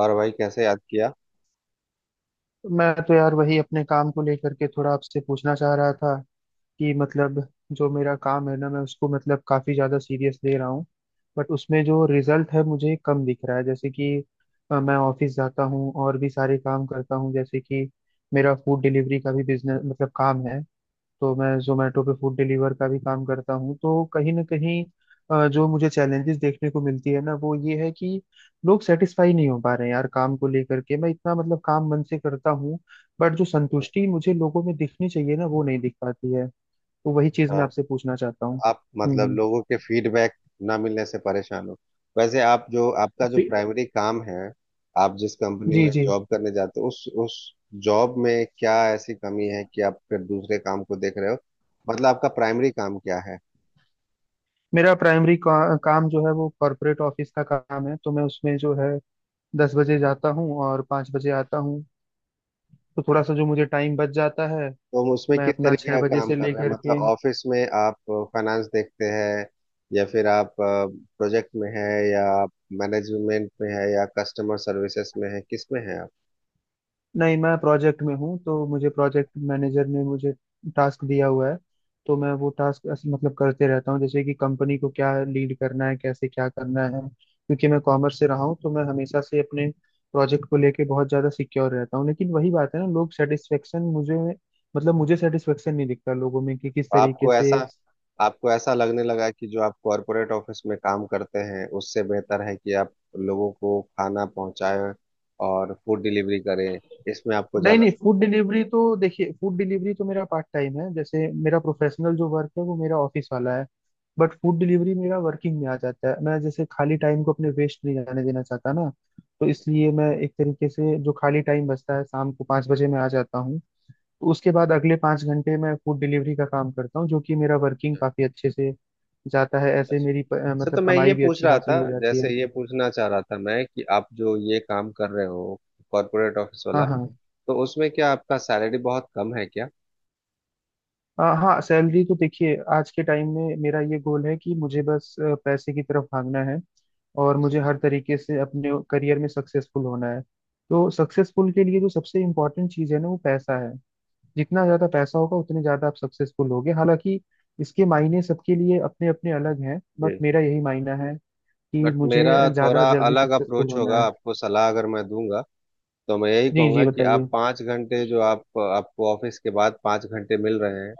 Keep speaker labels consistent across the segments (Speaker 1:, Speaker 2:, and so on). Speaker 1: और भाई कैसे याद किया।
Speaker 2: मैं तो यार वही अपने काम को लेकर के थोड़ा आपसे पूछना चाह रहा था कि जो मेरा काम है ना मैं उसको काफी ज्यादा सीरियस ले रहा हूँ। बट उसमें जो रिजल्ट है मुझे कम दिख रहा है। जैसे कि मैं ऑफिस जाता हूँ और भी सारे काम करता हूँ। जैसे कि मेरा फूड डिलीवरी का भी बिजनेस काम है। तो मैं जोमेटो पे फूड डिलीवर का भी काम करता हूँ। तो कहीं ना कहीं जो मुझे चैलेंजेस देखने को मिलती है ना वो ये है कि लोग सेटिस्फाई नहीं हो पा रहे हैं यार। काम को लेकर के मैं इतना काम मन से करता हूँ, बट जो
Speaker 1: अच्छा,
Speaker 2: संतुष्टि मुझे लोगों में दिखनी चाहिए ना वो नहीं दिख पाती है। तो वही चीज मैं आपसे पूछना चाहता हूँ।
Speaker 1: आप
Speaker 2: हम्म
Speaker 1: मतलब
Speaker 2: हम्म।
Speaker 1: लोगों के फीडबैक ना मिलने से परेशान हो। वैसे आप जो आपका जो
Speaker 2: फिर
Speaker 1: प्राइमरी काम है, आप जिस कंपनी
Speaker 2: जी
Speaker 1: में
Speaker 2: जी।
Speaker 1: जॉब करने जाते हो उस जॉब में क्या ऐसी कमी है कि आप फिर दूसरे काम को देख रहे हो? मतलब आपका प्राइमरी काम क्या है?
Speaker 2: काम जो है वो कॉरपोरेट ऑफिस का काम है। तो मैं उसमें जो है 10 बजे जाता हूँ और 5 बजे आता हूँ। तो थोड़ा सा जो मुझे टाइम बच जाता है
Speaker 1: तो हम उसमें
Speaker 2: मैं
Speaker 1: किस
Speaker 2: अपना
Speaker 1: तरीके
Speaker 2: छह
Speaker 1: का
Speaker 2: बजे
Speaker 1: काम
Speaker 2: से
Speaker 1: कर रहे हैं,
Speaker 2: लेकर के।
Speaker 1: मतलब ऑफिस में आप फाइनेंस देखते हैं, या फिर आप प्रोजेक्ट में है, या आप मैनेजमेंट में है, या कस्टमर सर्विसेज में है, किस में है?
Speaker 2: नहीं, मैं प्रोजेक्ट में हूँ। तो मुझे प्रोजेक्ट मैनेजर ने मुझे टास्क दिया हुआ है। तो मैं वो टास्क करते रहता हूँ। जैसे कि कंपनी को क्या लीड करना है, कैसे क्या करना है, क्योंकि मैं कॉमर्स से रहा हूँ। तो मैं हमेशा से अपने प्रोजेक्ट को लेके बहुत ज़्यादा सिक्योर रहता हूँ। लेकिन वही बात है ना, लोग सेटिस्फेक्शन मुझे सेटिस्फेक्शन नहीं दिखता लोगों में कि किस तरीके
Speaker 1: आपको ऐसा,
Speaker 2: से।
Speaker 1: आपको ऐसा लगने लगा कि जो आप कॉरपोरेट ऑफिस में काम करते हैं, उससे बेहतर है कि आप लोगों को खाना पहुंचाएं और फूड डिलीवरी करें? इसमें आपको
Speaker 2: नहीं
Speaker 1: ज्यादा
Speaker 2: नहीं,
Speaker 1: समझ
Speaker 2: फूड डिलीवरी तो देखिए, फूड डिलीवरी तो मेरा पार्ट टाइम है। जैसे मेरा प्रोफेशनल जो वर्क है वो मेरा ऑफिस वाला है। बट फूड डिलीवरी मेरा वर्किंग में आ जाता है। मैं जैसे खाली टाइम को अपने वेस्ट नहीं जाने देना चाहता ना। तो इसलिए मैं एक तरीके से, जो खाली टाइम बचता है, शाम को 5 बजे मैं आ जाता हूँ। तो उसके बाद अगले 5 घंटे मैं फूड डिलीवरी का काम करता हूँ, जो कि मेरा वर्किंग काफी अच्छे से जाता है।
Speaker 1: अच्छा
Speaker 2: ऐसे
Speaker 1: अच्छा।
Speaker 2: मेरी प- अ,
Speaker 1: अच्छा, तो
Speaker 2: मतलब
Speaker 1: मैं ये
Speaker 2: कमाई भी
Speaker 1: पूछ
Speaker 2: अच्छी
Speaker 1: रहा
Speaker 2: खासी
Speaker 1: था,
Speaker 2: हो जाती
Speaker 1: जैसे
Speaker 2: है।
Speaker 1: ये पूछना चाह रहा था मैं, कि आप जो ये काम कर रहे हो कॉरपोरेट ऑफिस
Speaker 2: हाँ
Speaker 1: वाला,
Speaker 2: हाँ।
Speaker 1: तो उसमें क्या आपका सैलरी बहुत कम है क्या?
Speaker 2: हाँ, सैलरी तो देखिए, आज के टाइम में मेरा ये गोल है कि मुझे बस पैसे की तरफ भागना है। और
Speaker 1: अच्छा,
Speaker 2: मुझे
Speaker 1: अच्छा।
Speaker 2: हर तरीके से अपने करियर में सक्सेसफुल होना है। तो सक्सेसफुल के लिए जो सबसे इम्पोर्टेंट चीज़ है ना वो पैसा है। जितना ज़्यादा पैसा होगा उतने ज़्यादा आप सक्सेसफुल होगे। हालांकि इसके मायने सबके लिए अपने अपने अलग हैं, बट
Speaker 1: जी।
Speaker 2: मेरा यही मायना है कि
Speaker 1: बट
Speaker 2: मुझे
Speaker 1: मेरा थोड़ा
Speaker 2: ज़्यादा जल्दी
Speaker 1: अलग
Speaker 2: सक्सेसफुल
Speaker 1: अप्रोच
Speaker 2: होना
Speaker 1: होगा,
Speaker 2: है।
Speaker 1: आपको सलाह अगर मैं दूंगा तो मैं यही
Speaker 2: जी जी,
Speaker 1: कहूंगा कि आप
Speaker 2: बताइए।
Speaker 1: 5 घंटे जो आप, आपको ऑफिस के बाद 5 घंटे मिल रहे हैं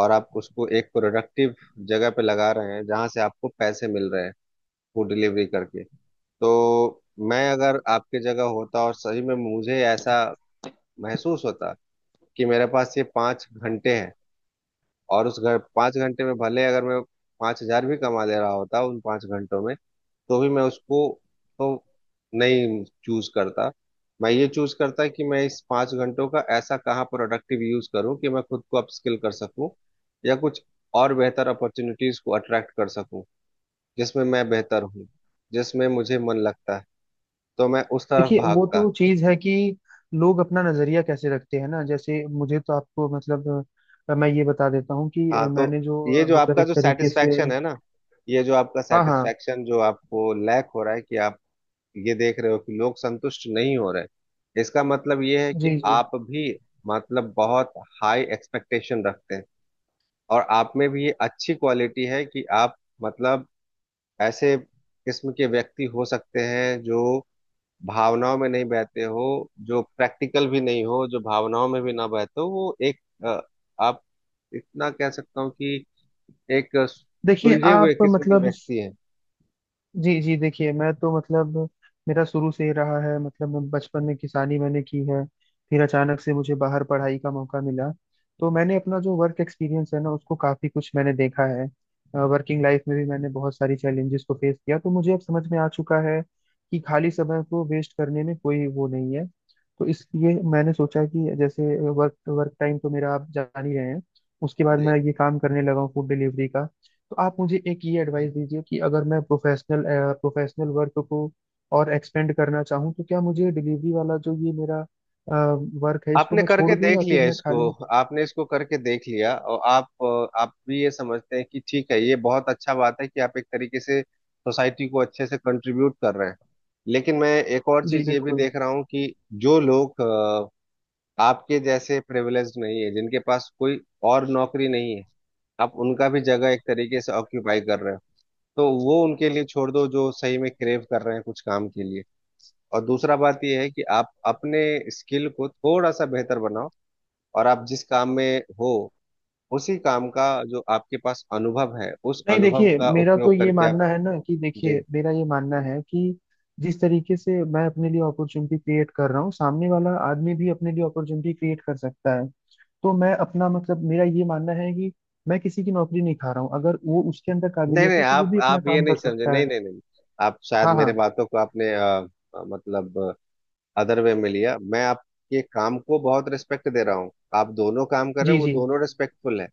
Speaker 1: और आप उसको एक प्रोडक्टिव जगह पे लगा रहे हैं जहां से आपको पैसे मिल रहे हैं, फूड डिलीवरी करके। तो मैं अगर आपके जगह होता और सही में मुझे ऐसा महसूस होता कि मेरे पास ये 5 घंटे हैं, और उस घर 5 घंटे में भले अगर मैं 5,000 भी कमा ले रहा होता उन 5 घंटों में, तो भी मैं उसको तो नहीं चूज करता। मैं ये चूज करता कि मैं इस 5 घंटों का ऐसा कहाँ प्रोडक्टिव यूज करूँ कि मैं खुद को अपस्किल कर सकूँ, या कुछ और बेहतर अपॉर्चुनिटीज को अट्रैक्ट कर सकूँ जिसमें मैं बेहतर हूँ, जिसमें मुझे मन लगता है। तो मैं उस तरफ
Speaker 2: देखिए वो
Speaker 1: भागता।
Speaker 2: तो चीज है कि लोग अपना नजरिया कैसे रखते हैं ना। जैसे मुझे तो आपको मैं ये बता देता हूँ कि
Speaker 1: हाँ, तो
Speaker 2: मैंने जो
Speaker 1: ये जो आपका
Speaker 2: एक
Speaker 1: जो
Speaker 2: तरीके से।
Speaker 1: सेटिस्फैक्शन है ना, ये जो आपका
Speaker 2: हाँ हाँ।
Speaker 1: सेटिस्फैक्शन जो आपको लैक हो रहा है कि आप ये देख रहे हो कि लोग संतुष्ट नहीं हो रहे हैं, इसका मतलब ये है कि
Speaker 2: जी जी,
Speaker 1: आप भी मतलब बहुत हाई एक्सपेक्टेशन रखते हैं। और आप में भी ये अच्छी क्वालिटी है कि आप मतलब ऐसे किस्म के व्यक्ति हो सकते हैं जो भावनाओं में नहीं बहते हो, जो प्रैक्टिकल भी नहीं हो, जो भावनाओं में भी ना बहते हो, वो एक अ, आप इतना कह सकता हूँ कि एक
Speaker 2: देखिए
Speaker 1: सुलझे हुए
Speaker 2: आप
Speaker 1: किस्म के व्यक्ति हैं।
Speaker 2: जी जी, देखिए मैं तो मेरा शुरू से ही रहा है। मैं बचपन में किसानी मैंने की है। फिर अचानक से मुझे बाहर पढ़ाई का मौका मिला। तो मैंने अपना जो वर्क एक्सपीरियंस है ना उसको काफ़ी कुछ मैंने देखा है। वर्किंग लाइफ में भी मैंने बहुत सारी चैलेंजेस को फेस किया। तो मुझे अब समझ में आ चुका है कि खाली समय को वेस्ट करने में कोई वो नहीं है। तो इसलिए मैंने सोचा कि जैसे वर्क वर्क टाइम तो मेरा आप जान ही रहे हैं। उसके बाद
Speaker 1: जी।
Speaker 2: मैं ये काम करने लगा हूँ फूड डिलीवरी का। तो आप मुझे एक ये एडवाइस दीजिए कि अगर मैं प्रोफेशनल प्रोफेशनल वर्क को और एक्सपेंड करना चाहूँ, तो क्या मुझे डिलीवरी वाला जो ये मेरा वर्क है इसको
Speaker 1: आपने
Speaker 2: मैं छोड़
Speaker 1: करके
Speaker 2: दूँ
Speaker 1: देख
Speaker 2: या फिर
Speaker 1: लिया
Speaker 2: मैं
Speaker 1: इसको,
Speaker 2: खाली।
Speaker 1: आपने इसको करके देख लिया, और आप आप भी ये समझते हैं कि ठीक है, ये बहुत अच्छा बात है कि आप एक तरीके से सोसाइटी को अच्छे से कंट्रीब्यूट कर रहे हैं। लेकिन मैं एक और
Speaker 2: जी
Speaker 1: चीज ये भी
Speaker 2: बिल्कुल।
Speaker 1: देख रहा हूँ कि जो लोग आपके जैसे प्रिविलेज्ड नहीं है, जिनके पास कोई और नौकरी नहीं है, आप उनका भी जगह एक तरीके से ऑक्यूपाई कर रहे हो। तो वो उनके लिए छोड़ दो जो सही में क्रेव कर रहे हैं कुछ काम के लिए। और दूसरा बात यह है कि आप अपने स्किल को थोड़ा सा बेहतर बनाओ, और आप जिस काम में हो, उसी काम का जो आपके पास अनुभव है उस
Speaker 2: नहीं
Speaker 1: अनुभव
Speaker 2: देखिए,
Speaker 1: का
Speaker 2: मेरा तो
Speaker 1: उपयोग
Speaker 2: ये
Speaker 1: करके आप
Speaker 2: मानना है ना कि
Speaker 1: जी।
Speaker 2: देखिए मेरा ये मानना है कि जिस तरीके से मैं अपने लिए अपॉर्चुनिटी क्रिएट कर रहा हूँ, सामने वाला आदमी भी अपने लिए अपॉर्चुनिटी क्रिएट कर सकता है। तो मैं अपना मतलब मेरा ये मानना है कि मैं किसी की नौकरी नहीं खा रहा हूँ। अगर वो उसके अंदर
Speaker 1: नहीं
Speaker 2: काबिलियत
Speaker 1: नहीं,
Speaker 2: है तो वो
Speaker 1: आप
Speaker 2: भी अपना
Speaker 1: आप ये
Speaker 2: काम
Speaker 1: नहीं
Speaker 2: कर
Speaker 1: समझे,
Speaker 2: सकता
Speaker 1: नहीं
Speaker 2: है।
Speaker 1: नहीं नहीं, आप शायद
Speaker 2: हाँ
Speaker 1: मेरे
Speaker 2: हाँ।
Speaker 1: बातों को आपने मतलब अदर वे में लिया। मैं आपके काम को बहुत रिस्पेक्ट दे रहा हूँ, आप दोनों काम कर रहे
Speaker 2: जी
Speaker 1: हो, वो
Speaker 2: जी।
Speaker 1: दोनों रिस्पेक्टफुल है।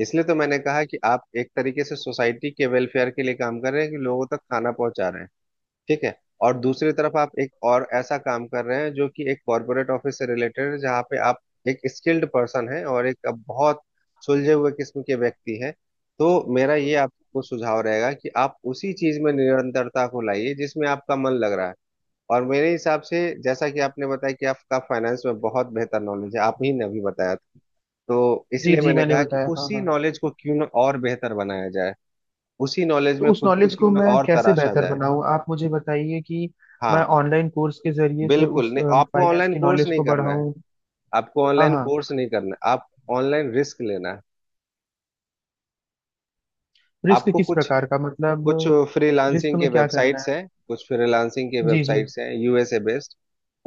Speaker 1: इसलिए तो मैंने कहा कि आप एक तरीके से सोसाइटी के वेलफेयर के लिए काम कर रहे हैं कि लोगों तक खाना पहुंचा रहे हैं। ठीक है। और दूसरी तरफ आप एक और ऐसा काम कर रहे हैं जो कि एक कॉर्पोरेट ऑफिस से रिलेटेड है, जहाँ पे आप एक स्किल्ड पर्सन है और एक बहुत सुलझे हुए किस्म के व्यक्ति है। तो मेरा ये आपको सुझाव रहेगा कि आप उसी चीज में निरंतरता को लाइए जिसमें आपका मन लग रहा है। और मेरे हिसाब से जैसा कि आपने बताया कि आपका फाइनेंस में बहुत बेहतर नॉलेज है, आप ही ने अभी बताया था, तो
Speaker 2: जी
Speaker 1: इसलिए
Speaker 2: जी,
Speaker 1: मैंने
Speaker 2: मैंने
Speaker 1: कहा कि
Speaker 2: बताया। हाँ
Speaker 1: उसी
Speaker 2: हाँ,
Speaker 1: नॉलेज को क्यों ना और बेहतर बनाया जाए, उसी नॉलेज
Speaker 2: तो
Speaker 1: में
Speaker 2: उस
Speaker 1: खुद को
Speaker 2: नॉलेज
Speaker 1: क्यों
Speaker 2: को
Speaker 1: ना
Speaker 2: मैं
Speaker 1: और
Speaker 2: कैसे
Speaker 1: तराशा
Speaker 2: बेहतर
Speaker 1: जाए।
Speaker 2: बनाऊँ, आप मुझे बताइए कि मैं
Speaker 1: हाँ,
Speaker 2: ऑनलाइन कोर्स के जरिए से
Speaker 1: बिल्कुल
Speaker 2: उस
Speaker 1: नहीं, आपको
Speaker 2: फाइनेंस
Speaker 1: ऑनलाइन
Speaker 2: की
Speaker 1: कोर्स
Speaker 2: नॉलेज
Speaker 1: नहीं
Speaker 2: को
Speaker 1: करना है।
Speaker 2: बढ़ाऊँ।
Speaker 1: आपको
Speaker 2: हाँ
Speaker 1: ऑनलाइन
Speaker 2: हाँ।
Speaker 1: कोर्स नहीं करना है, आप ऑनलाइन रिस्क लेना है।
Speaker 2: रिस्क
Speaker 1: आपको
Speaker 2: किस
Speaker 1: कुछ
Speaker 2: प्रकार का, मतलब
Speaker 1: कुछ
Speaker 2: रिस्क
Speaker 1: फ्रीलांसिंग के
Speaker 2: में क्या करना
Speaker 1: वेबसाइट्स
Speaker 2: है।
Speaker 1: हैं, कुछ फ्रीलांसिंग के
Speaker 2: जी जी।
Speaker 1: वेबसाइट्स हैं यूएसए बेस्ड।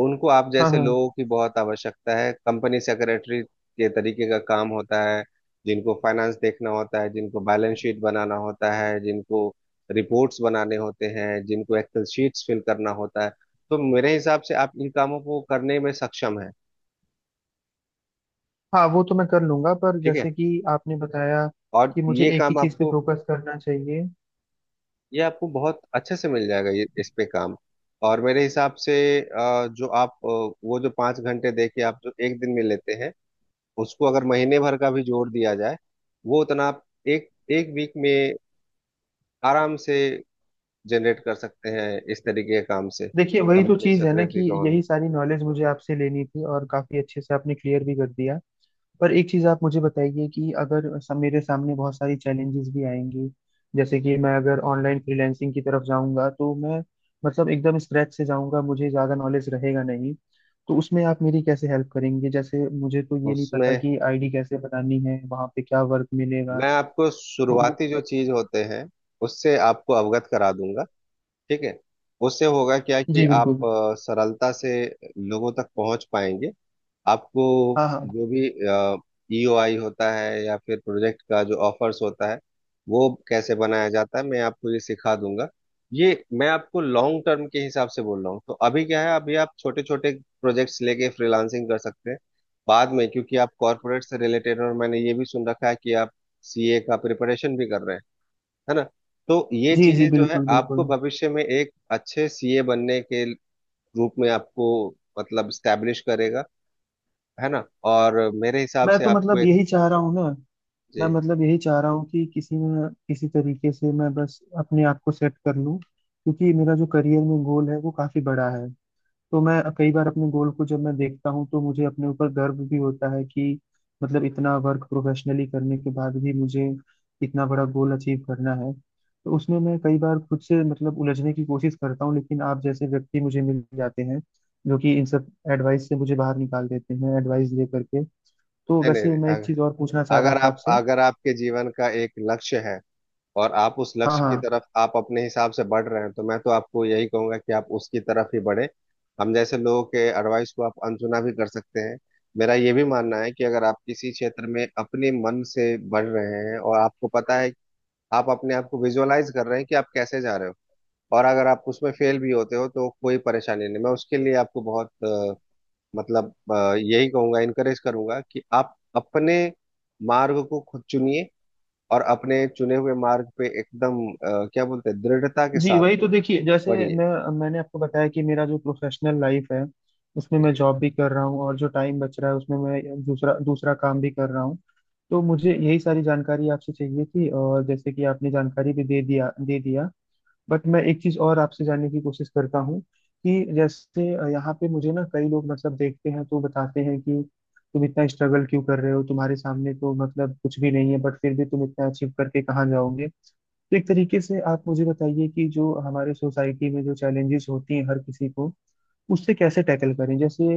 Speaker 1: उनको आप
Speaker 2: हाँ
Speaker 1: जैसे
Speaker 2: हाँ।
Speaker 1: लोगों की बहुत आवश्यकता है। कंपनी सेक्रेटरी के तरीके का काम होता है, जिनको फाइनेंस देखना होता है, जिनको बैलेंस शीट बनाना होता है, जिनको रिपोर्ट्स बनाने होते हैं, जिनको एक्सेल शीट्स फिल करना होता है। तो मेरे हिसाब से आप इन कामों को करने में सक्षम है।
Speaker 2: हाँ वो तो मैं कर लूंगा, पर
Speaker 1: ठीक है।
Speaker 2: जैसे कि आपने बताया
Speaker 1: और
Speaker 2: कि मुझे
Speaker 1: ये
Speaker 2: एक ही
Speaker 1: काम
Speaker 2: चीज़ पे
Speaker 1: आपको,
Speaker 2: फोकस करना चाहिए।
Speaker 1: ये आपको बहुत अच्छे से मिल जाएगा। ये इस पे काम। और मेरे हिसाब से जो आप वो जो पाँच घंटे दे के आप जो एक दिन में लेते हैं, उसको अगर महीने भर का भी जोड़ दिया जाए, वो उतना आप एक एक वीक में आराम से जनरेट कर सकते हैं इस तरीके के काम से।
Speaker 2: देखिए वही तो
Speaker 1: कंपनी
Speaker 2: चीज़ है ना कि
Speaker 1: सेक्रेटरी का होना।
Speaker 2: यही सारी नॉलेज मुझे आपसे लेनी थी और काफ़ी अच्छे से आपने क्लियर भी कर दिया। पर एक चीज आप मुझे बताइए कि अगर सब मेरे सामने बहुत सारी चैलेंजेस भी आएंगी। जैसे कि मैं अगर ऑनलाइन फ्रीलैंसिंग की तरफ जाऊंगा तो मैं एकदम स्क्रैच से जाऊंगा, मुझे ज्यादा नॉलेज रहेगा नहीं। तो उसमें आप मेरी कैसे हेल्प करेंगे? जैसे मुझे तो ये नहीं पता
Speaker 1: उसमें
Speaker 2: कि आईडी कैसे बनानी है, वहां पे क्या वर्क मिलेगा।
Speaker 1: मैं आपको
Speaker 2: तो वो-
Speaker 1: शुरुआती जो चीज होते हैं उससे आपको अवगत करा दूंगा। ठीक है। उससे होगा क्या कि
Speaker 2: जी बिल्कुल।
Speaker 1: आप सरलता से लोगों तक पहुंच पाएंगे। आपको
Speaker 2: हाँ हाँ।
Speaker 1: जो भी ईओआई होता है या फिर प्रोजेक्ट का जो ऑफर्स होता है, वो कैसे बनाया जाता है, मैं आपको ये सिखा दूंगा। ये मैं आपको लॉन्ग टर्म के हिसाब से बोल रहा हूँ। तो अभी क्या है, अभी आप छोटे छोटे प्रोजेक्ट्स लेके फ्रीलांसिंग कर सकते हैं। बाद में क्योंकि आप कॉरपोरेट से रिलेटेड, और मैंने ये भी सुन रखा है कि आप सीए का प्रिपरेशन भी कर रहे हैं, है ना? तो ये
Speaker 2: जी जी
Speaker 1: चीजें जो है
Speaker 2: बिल्कुल
Speaker 1: आपको
Speaker 2: बिल्कुल।
Speaker 1: भविष्य में एक अच्छे सीए बनने के रूप में आपको मतलब स्टैब्लिश करेगा, है ना? और मेरे हिसाब
Speaker 2: मैं
Speaker 1: से
Speaker 2: तो
Speaker 1: आपको एक
Speaker 2: यही चाह रहा हूँ ना। मैं
Speaker 1: जी।
Speaker 2: मतलब यही चाह रहा हूँ कि किसी न किसी तरीके से मैं बस अपने आप को सेट कर लूँ, क्योंकि मेरा जो करियर में गोल है वो काफ़ी बड़ा है। तो मैं कई बार अपने गोल को जब मैं देखता हूँ तो मुझे अपने ऊपर गर्व भी होता है कि इतना वर्क प्रोफेशनली करने के बाद भी मुझे इतना बड़ा गोल अचीव करना है। तो उसमें मैं कई बार खुद से उलझने की कोशिश करता हूँ। लेकिन आप जैसे व्यक्ति मुझे मिल जाते हैं जो कि इन सब एडवाइस से मुझे बाहर निकाल देते हैं, एडवाइस दे करके। तो
Speaker 1: नहीं नहीं
Speaker 2: वैसे
Speaker 1: नहीं,
Speaker 2: मैं एक
Speaker 1: अग-
Speaker 2: चीज़ और पूछना चाह रहा
Speaker 1: अगर
Speaker 2: था
Speaker 1: आप,
Speaker 2: आपसे।
Speaker 1: अगर आपके जीवन का एक लक्ष्य है और आप उस
Speaker 2: हाँ
Speaker 1: लक्ष्य की
Speaker 2: हाँ।
Speaker 1: तरफ आप अपने हिसाब से बढ़ रहे हैं, तो मैं तो आपको यही कहूंगा कि आप उसकी तरफ ही बढ़े। हम जैसे लोगों के एडवाइस को आप अनसुना भी कर सकते हैं। मेरा ये भी मानना है कि अगर आप किसी क्षेत्र में अपने मन से बढ़ रहे हैं और आपको पता है, आप अपने आप को विजुअलाइज कर रहे हैं कि आप कैसे जा रहे हो, और अगर आप उसमें फेल भी होते हो तो कोई परेशानी नहीं। मैं उसके लिए आपको बहुत यही कहूंगा, इनकरेज करूंगा कि आप अपने मार्ग को खुद चुनिए और अपने चुने हुए मार्ग पे एकदम क्या बोलते हैं, दृढ़ता के
Speaker 2: जी
Speaker 1: साथ
Speaker 2: वही तो देखिए, जैसे
Speaker 1: बढ़िए।
Speaker 2: मैं मैंने आपको बताया कि मेरा जो प्रोफेशनल लाइफ है उसमें मैं
Speaker 1: जी।
Speaker 2: जॉब भी कर रहा हूँ और जो टाइम बच रहा है उसमें मैं दूसरा दूसरा काम भी कर रहा हूँ। तो मुझे यही सारी जानकारी आपसे चाहिए थी और जैसे कि आपने जानकारी भी दे दिया। बट मैं एक चीज़ और आपसे जानने की कोशिश करता हूँ कि जैसे यहाँ पे मुझे ना कई लोग देखते हैं तो बताते हैं कि तुम इतना स्ट्रगल क्यों कर रहे हो, तुम्हारे सामने तो कुछ भी नहीं है, बट फिर भी तुम इतना अचीव करके कहाँ जाओगे। तो एक तरीके से आप मुझे बताइए कि जो हमारे सोसाइटी में जो चैलेंजेस होती हैं हर किसी को, उससे कैसे टैकल करें। जैसे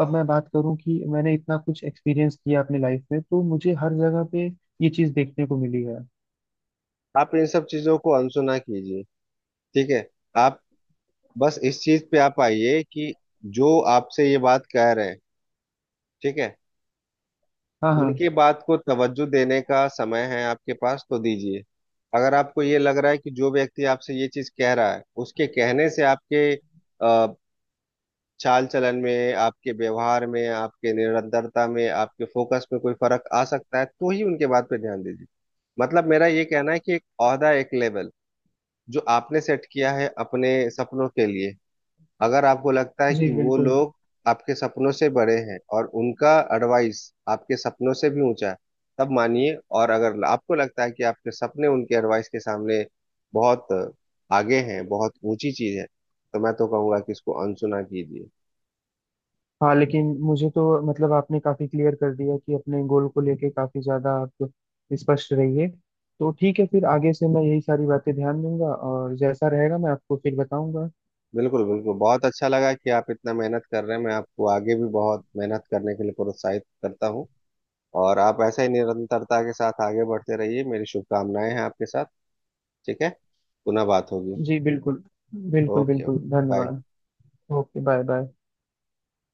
Speaker 2: अब मैं बात करूं कि मैंने इतना कुछ एक्सपीरियंस किया अपनी लाइफ में, तो मुझे हर जगह पे ये चीज़ देखने को मिली है।
Speaker 1: आप इन सब चीजों को अनसुना कीजिए। ठीक है। आप बस इस चीज पे आप आइए कि जो आपसे ये बात कह रहे हैं, ठीक है,
Speaker 2: हाँ हाँ।
Speaker 1: उनकी बात को तवज्जो देने का समय है आपके पास तो दीजिए। अगर आपको ये लग रहा है कि जो व्यक्ति आपसे ये चीज कह रहा है उसके कहने से आपके चाल चलन में, आपके व्यवहार में, आपके निरंतरता में, आपके फोकस में कोई फर्क आ सकता है, तो ही उनके बात पे ध्यान दीजिए। मतलब मेरा ये कहना है कि एक ओहदा, एक लेवल जो आपने सेट किया है अपने सपनों के लिए, अगर आपको लगता है
Speaker 2: जी
Speaker 1: कि वो
Speaker 2: बिल्कुल।
Speaker 1: लोग आपके सपनों से बड़े हैं और उनका एडवाइस आपके सपनों से भी ऊंचा है, तब मानिए। और अगर आपको लगता है कि आपके सपने उनके एडवाइस के सामने बहुत आगे हैं, बहुत ऊंची चीज है, तो मैं तो कहूंगा कि इसको अनसुना कीजिए।
Speaker 2: हाँ लेकिन मुझे तो आपने काफ़ी क्लियर कर दिया कि अपने गोल को लेके काफ़ी ज़्यादा आप स्पष्ट रहिए। तो ठीक है, फिर आगे से मैं यही सारी बातें ध्यान दूंगा और जैसा रहेगा मैं आपको फिर बताऊंगा।
Speaker 1: बिल्कुल बिल्कुल, बहुत अच्छा लगा कि आप इतना मेहनत कर रहे हैं। मैं आपको आगे भी बहुत मेहनत करने के लिए प्रोत्साहित करता हूँ, और आप ऐसा ही निरंतरता के साथ आगे बढ़ते रहिए। मेरी शुभकामनाएं हैं आपके साथ। ठीक है, पुनः बात होगी।
Speaker 2: जी बिल्कुल। बिल्कुल
Speaker 1: ओके
Speaker 2: बिल्कुल,
Speaker 1: ओके। बाय।
Speaker 2: धन्यवाद। Okay, bye bye.